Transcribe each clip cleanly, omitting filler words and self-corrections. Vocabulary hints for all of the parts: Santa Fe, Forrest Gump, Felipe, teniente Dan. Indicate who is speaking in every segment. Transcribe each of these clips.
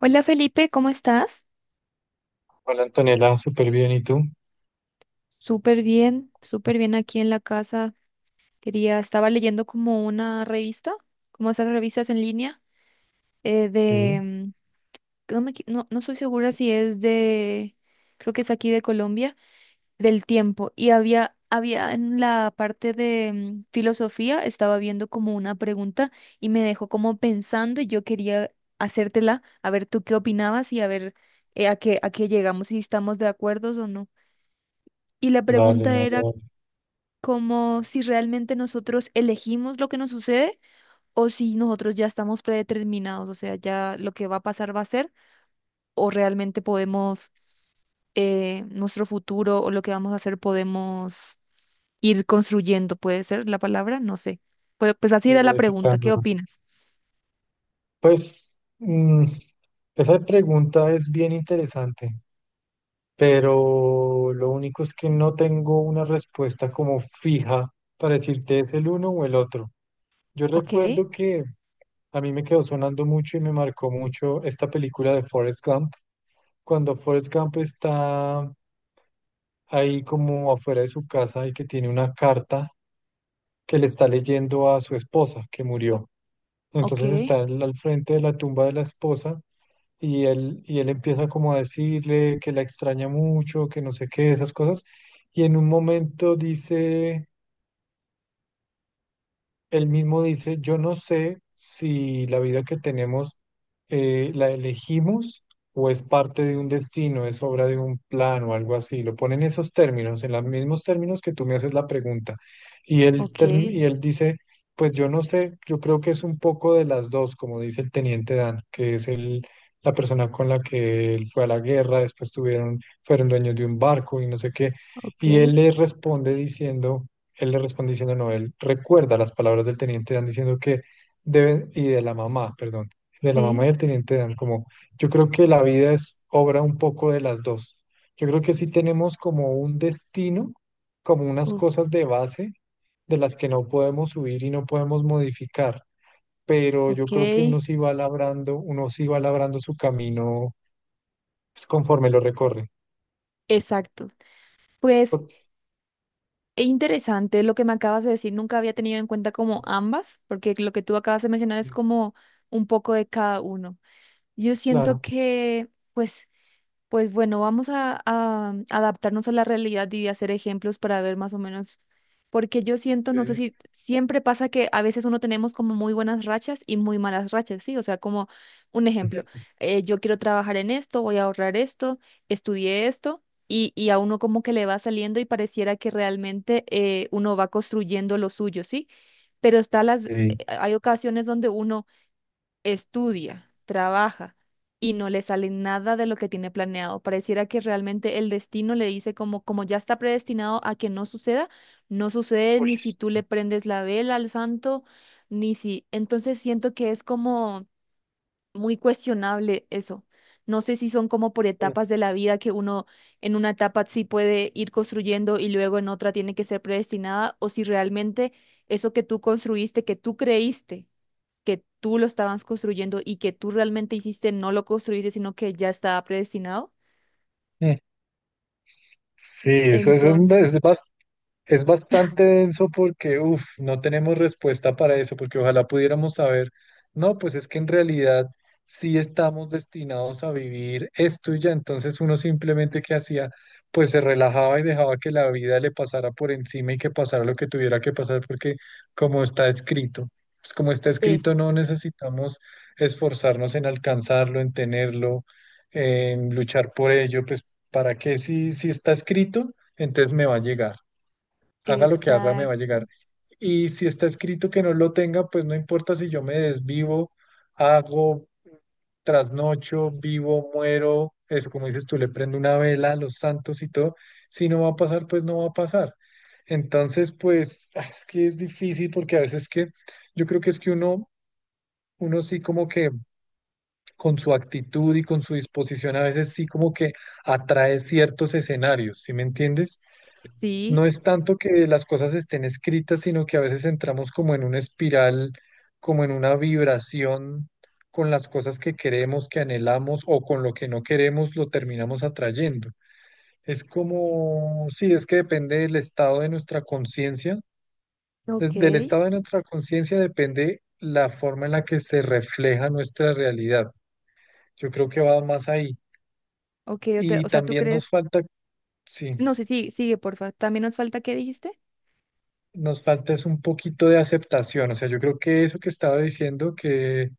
Speaker 1: Hola Felipe, ¿cómo estás?
Speaker 2: Hola Antonella, súper bien. ¿Y tú?
Speaker 1: Súper bien aquí en la casa. Estaba leyendo como una revista, como esas revistas en línea, eh, de,
Speaker 2: Sí,
Speaker 1: mm, que no me equi- no, no estoy segura si es de, creo que es aquí de Colombia, del tiempo. Y había en la parte de filosofía, estaba viendo como una pregunta y me dejó como pensando y yo quería hacértela, a ver tú qué opinabas y a ver a qué llegamos, si estamos de acuerdo o no. Y la
Speaker 2: dale,
Speaker 1: pregunta
Speaker 2: dale,
Speaker 1: era
Speaker 2: dale.
Speaker 1: como si realmente nosotros elegimos lo que nos sucede o si nosotros ya estamos predeterminados, o sea, ya lo que va a pasar va a ser, o realmente podemos, nuestro futuro o lo que vamos a hacer podemos ir construyendo, puede ser la palabra, no sé. Pero pues así
Speaker 2: Y
Speaker 1: era la pregunta, ¿qué
Speaker 2: modificándolo.
Speaker 1: opinas?
Speaker 2: Pues mm, esa pregunta es bien interesante, pero lo único es que no tengo una respuesta como fija para decirte es el uno o el otro. Yo
Speaker 1: Ok,
Speaker 2: recuerdo que a mí me quedó sonando mucho y me marcó mucho esta película de Forrest Gump. Cuando Forrest Gump está ahí como afuera de su casa y que tiene una carta que le está leyendo a su esposa que murió.
Speaker 1: ok,
Speaker 2: Entonces está él al frente de la tumba de la esposa y él empieza como a decirle que la extraña mucho, que no sé qué, esas cosas. Y en un momento dice... Él mismo dice, yo no sé si la vida que tenemos la elegimos o es parte de un destino, es obra de un plan o algo así. Lo pone en esos términos, en los mismos términos que tú me haces la pregunta. Y él,
Speaker 1: ok,
Speaker 2: y él dice, pues yo no sé, yo creo que es un poco de las dos, como dice el teniente Dan, que es el, la persona con la que él fue a la guerra, después tuvieron, fueron dueños de un barco y no sé qué.
Speaker 1: ok,
Speaker 2: Y él le responde diciendo... Él le responde diciendo, no, él recuerda las palabras del teniente Dan diciendo que deben, y de la mamá, perdón, de la mamá
Speaker 1: sí,
Speaker 2: y del teniente Dan, como yo creo que la vida es obra un poco de las dos. Yo creo que sí tenemos como un destino, como unas
Speaker 1: o-
Speaker 2: cosas de base de las que no podemos huir y no podemos modificar, pero yo
Speaker 1: ok,
Speaker 2: creo que uno sí va labrando, uno sí va labrando su camino pues, conforme lo recorre.
Speaker 1: exacto. Pues
Speaker 2: Porque,
Speaker 1: e interesante lo que me acabas de decir, nunca había tenido en cuenta como ambas, porque lo que tú acabas de mencionar es como un poco de cada uno. Yo siento
Speaker 2: claro.
Speaker 1: que, pues pues bueno, a adaptarnos a la realidad y hacer ejemplos para ver más o menos, porque yo siento, no sé
Speaker 2: Ok.
Speaker 1: si siempre pasa que a veces uno tenemos como muy buenas rachas y muy malas rachas, ¿sí? O sea, como un ejemplo, yo quiero trabajar en esto, voy a ahorrar esto, estudié esto. Y a uno como que le va saliendo y pareciera que realmente uno va construyendo lo suyo, ¿sí? Pero está las,
Speaker 2: Ok.
Speaker 1: hay ocasiones donde uno estudia, trabaja y no le sale nada de lo que tiene planeado. Pareciera que realmente el destino le dice como, como ya está predestinado a que no suceda, no sucede
Speaker 2: Uy,
Speaker 1: ni si tú le prendes la vela al santo, ni si. Entonces siento que es como muy cuestionable eso. No sé si son como por etapas de la vida que uno en una etapa sí puede ir construyendo y luego en otra tiene que ser predestinada o si realmente eso que tú construiste, que tú creíste que tú lo estabas construyendo y que tú realmente hiciste, no lo construiste, sino que ya estaba predestinado.
Speaker 2: sí. Sí, eso es,
Speaker 1: Entonces,
Speaker 2: es bastante denso porque, uff, no tenemos respuesta para eso, porque ojalá pudiéramos saber, no, pues es que en realidad sí estamos destinados a vivir esto y ya, entonces uno simplemente que hacía, pues se relajaba y dejaba que la vida le pasara por encima y que pasara lo que tuviera que pasar, porque como está escrito, pues como está
Speaker 1: es,
Speaker 2: escrito no necesitamos esforzarnos en alcanzarlo, en tenerlo, en luchar por ello, pues ¿para qué? Si, si está escrito, entonces me va a llegar haga lo que haga, me va a
Speaker 1: exacto.
Speaker 2: llegar. Y si está escrito que no lo tenga, pues no importa si yo me desvivo, hago, trasnocho, vivo, muero, es como dices tú, le prendo una vela a los santos y todo. Si no va a pasar, pues no va a pasar. Entonces, pues ah, es que es difícil porque a veces que yo creo que es que uno, uno sí como que con su actitud y con su disposición, a veces sí como que atrae ciertos escenarios, ¿sí me entiendes? No
Speaker 1: Sí,
Speaker 2: es tanto que las cosas estén escritas, sino que a veces entramos como en una espiral, como en una vibración con las cosas que queremos, que anhelamos o con lo que no queremos, lo terminamos atrayendo. Es como, sí, es que depende del estado de nuestra conciencia.
Speaker 1: ok,
Speaker 2: Del estado de nuestra conciencia depende la forma en la que se refleja nuestra realidad. Yo creo que va más ahí.
Speaker 1: ok, o,
Speaker 2: Y
Speaker 1: o sea, tú
Speaker 2: también nos
Speaker 1: crees,
Speaker 2: falta, sí.
Speaker 1: no, sí, sí, sigue, porfa. También nos falta, ¿qué dijiste?
Speaker 2: Nos falta es un poquito de aceptación. O sea, yo creo que eso que estaba diciendo que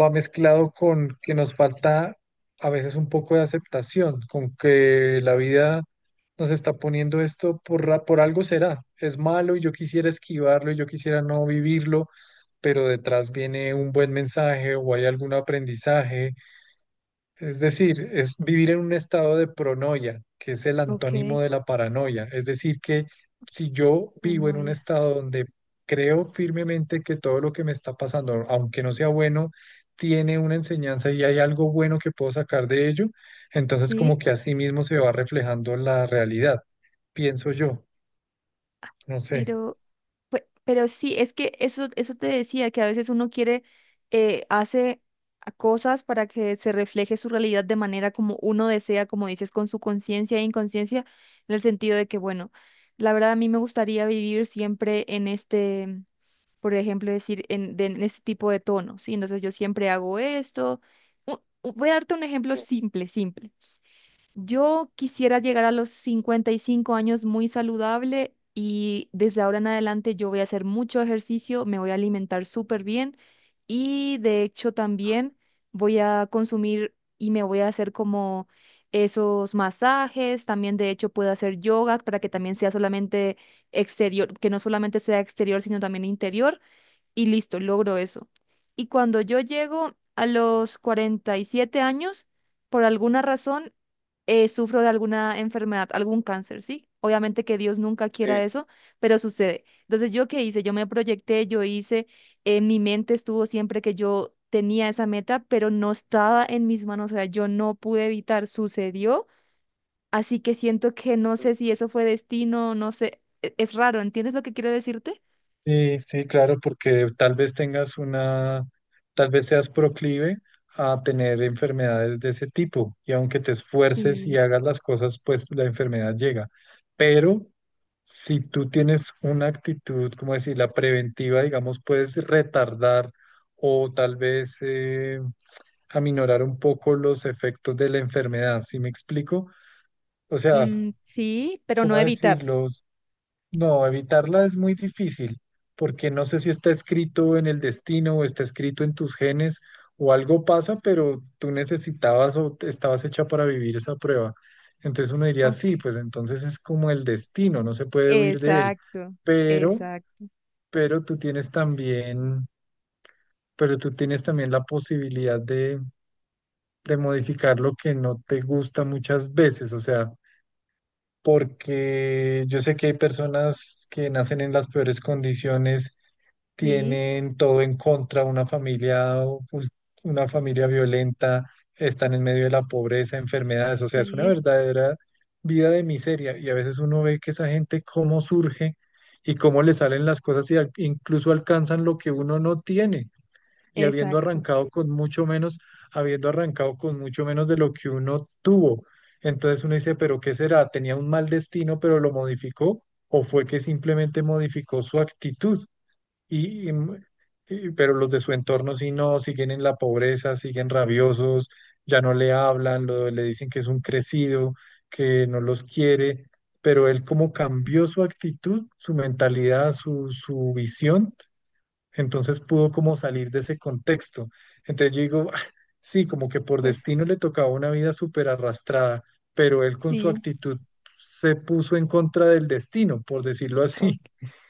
Speaker 2: va mezclado con que nos falta a veces un poco de aceptación, con que la vida nos está poniendo esto por, por algo será. Es malo y yo quisiera esquivarlo y yo quisiera no vivirlo, pero detrás viene un buen mensaje o hay algún aprendizaje es decir, es vivir en un estado de pronoia, que es el
Speaker 1: Ok,
Speaker 2: antónimo de la paranoia. Es decir, que si yo
Speaker 1: no,
Speaker 2: vivo en
Speaker 1: no,
Speaker 2: un
Speaker 1: ya.
Speaker 2: estado donde creo firmemente que todo lo que me está pasando, aunque no sea bueno, tiene una enseñanza y hay algo bueno que puedo sacar de ello, entonces
Speaker 1: Sí.
Speaker 2: como que así mismo se va reflejando la realidad, pienso yo, no sé.
Speaker 1: Pero, pero sí, es que eso te decía, que a veces uno quiere, hace a cosas para que se refleje su realidad de manera como uno desea, como dices, con su conciencia e inconsciencia, en el sentido de que, bueno, la verdad a mí me gustaría vivir siempre en este, por ejemplo, decir, en, en este tipo de tono, ¿sí? Entonces yo siempre hago esto. Voy a darte un ejemplo simple, simple. Yo quisiera llegar a los 55 años muy saludable y desde ahora en adelante yo voy a hacer mucho ejercicio, me voy a alimentar súper bien y de hecho también voy a consumir y me voy a hacer como esos masajes, también de hecho puedo hacer yoga para que también sea solamente exterior, que no solamente sea exterior, sino también interior y listo, logro eso. Y cuando yo llego a los 47 años, por alguna razón, sufro de alguna enfermedad, algún cáncer, ¿sí? Obviamente que Dios nunca quiera eso, pero sucede. Entonces, ¿yo qué hice? Yo me proyecté, yo hice, en mi mente estuvo siempre que yo tenía esa meta, pero no estaba en mis manos, o sea, yo no pude evitar, sucedió, así que siento que no sé si eso fue destino, no sé, es raro, ¿entiendes lo que quiero decirte?
Speaker 2: Sí, sí, claro, porque tal vez tengas una, tal vez seas proclive a tener enfermedades de ese tipo y aunque te esfuerces y
Speaker 1: Sí.
Speaker 2: hagas las cosas, pues la enfermedad llega. Pero si tú tienes una actitud, como decir, la preventiva, digamos, puedes retardar o tal vez aminorar un poco los efectos de la enfermedad, ¿sí me explico? O sea,
Speaker 1: Mm, sí, pero no
Speaker 2: ¿cómo
Speaker 1: evitar.
Speaker 2: decirlo? No, evitarla es muy difícil, porque no sé si está escrito en el destino o está escrito en tus genes o algo pasa, pero tú necesitabas o estabas hecha para vivir esa prueba. Entonces uno diría, sí,
Speaker 1: Ok.
Speaker 2: pues entonces es como el destino, no se puede huir de él.
Speaker 1: Exacto,
Speaker 2: Pero,
Speaker 1: exacto.
Speaker 2: pero tú tienes también, pero tú tienes también la posibilidad de modificar lo que no te gusta muchas veces, o sea, porque yo sé que hay personas que nacen en las peores condiciones
Speaker 1: Sí,
Speaker 2: tienen todo en contra, una familia, una familia violenta, están en medio de la pobreza, enfermedades, o sea, es una
Speaker 1: sí,
Speaker 2: verdadera vida de miseria y a veces uno ve que esa gente cómo surge y cómo le salen las cosas y incluso alcanzan lo que uno no tiene y habiendo
Speaker 1: exacto.
Speaker 2: arrancado con mucho menos, habiendo arrancado con mucho menos de lo que uno tuvo. Entonces uno dice, pero ¿qué será? ¿Tenía un mal destino, pero lo modificó? ¿O fue que simplemente modificó su actitud? Y pero los de su entorno sí no, siguen en la pobreza, siguen rabiosos, ya no le hablan, le dicen que es un crecido, que no los quiere, pero él como cambió su actitud, su mentalidad, su visión, entonces pudo como salir de ese contexto. Entonces yo digo, "Ah, sí, como que por
Speaker 1: Pues
Speaker 2: destino le tocaba una vida súper arrastrada, pero él con su
Speaker 1: sí,
Speaker 2: actitud se puso en contra del destino, por decirlo
Speaker 1: ok.
Speaker 2: así.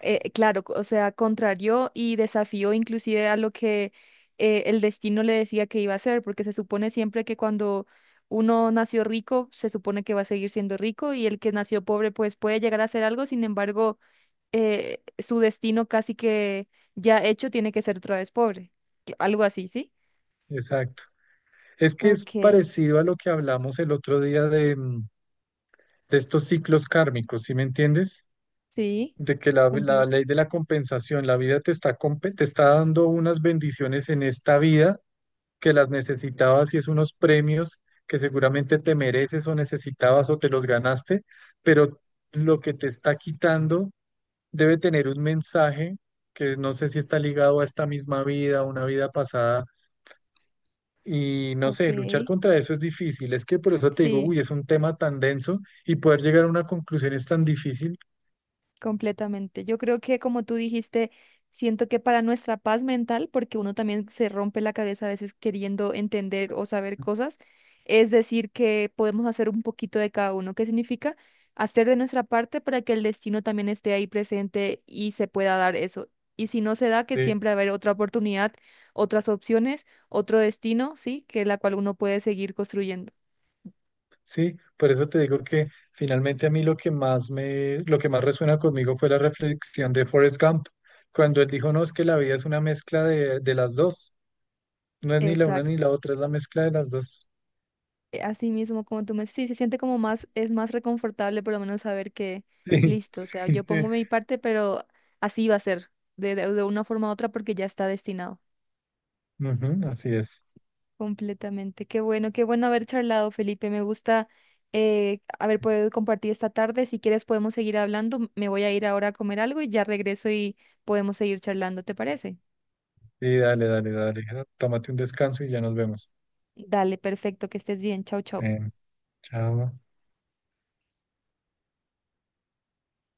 Speaker 1: Claro, o sea, contrarió y desafió inclusive a lo que el destino le decía que iba a hacer, porque se supone siempre que cuando uno nació rico, se supone que va a seguir siendo rico y el que nació pobre pues puede llegar a hacer algo, sin embargo, su destino casi que ya hecho tiene que ser otra vez pobre. Algo así, ¿sí?
Speaker 2: Exacto. Es que es
Speaker 1: Ok,
Speaker 2: parecido a lo que hablamos el otro día de, de estos ciclos kármicos, ¿sí me entiendes?
Speaker 1: sí,
Speaker 2: De que la
Speaker 1: completo.
Speaker 2: ley de la compensación, la vida te está, te está dando unas bendiciones en esta vida que las necesitabas y es unos premios que seguramente te mereces o necesitabas o te los ganaste, pero lo que te está quitando debe tener un mensaje que no sé si está ligado a esta misma vida, a una vida pasada. Y no
Speaker 1: Ok,
Speaker 2: sé, luchar contra eso es difícil. Es que por eso te digo,
Speaker 1: sí,
Speaker 2: uy, es un tema tan denso y poder llegar a una conclusión es tan difícil.
Speaker 1: completamente. Yo creo que como tú dijiste, siento que para nuestra paz mental, porque uno también se rompe la cabeza a veces queriendo entender o saber cosas, es decir, que podemos hacer un poquito de cada uno. ¿Qué significa? Hacer de nuestra parte para que el destino también esté ahí presente y se pueda dar eso. Y si no se da, que
Speaker 2: Sí.
Speaker 1: siempre va a haber otra oportunidad, otras opciones, otro destino, sí, que la cual uno puede seguir construyendo.
Speaker 2: Sí, por eso te digo que finalmente a mí lo que más me, lo que más resuena conmigo fue la reflexión de Forrest Gump, cuando él dijo, no, es que la vida es una mezcla de las dos. No es ni la una ni
Speaker 1: Exacto.
Speaker 2: la otra, es la mezcla de las dos.
Speaker 1: Así mismo, como tú me sí, se siente como más, es más reconfortable por lo menos saber que
Speaker 2: Sí.
Speaker 1: listo, o sea, yo pongo mi parte, pero así va a ser, de una forma u otra, porque ya está destinado.
Speaker 2: Ujú, así es.
Speaker 1: Completamente. Qué bueno haber charlado, Felipe. Me gusta haber podido compartir esta tarde. Si quieres, podemos seguir hablando. Me voy a ir ahora a comer algo y ya regreso y podemos seguir charlando, ¿te parece?
Speaker 2: Y dale, dale, dale. Tómate un descanso y ya nos vemos.
Speaker 1: Dale, perfecto, que estés bien. Chau, chau.
Speaker 2: Eh, chao.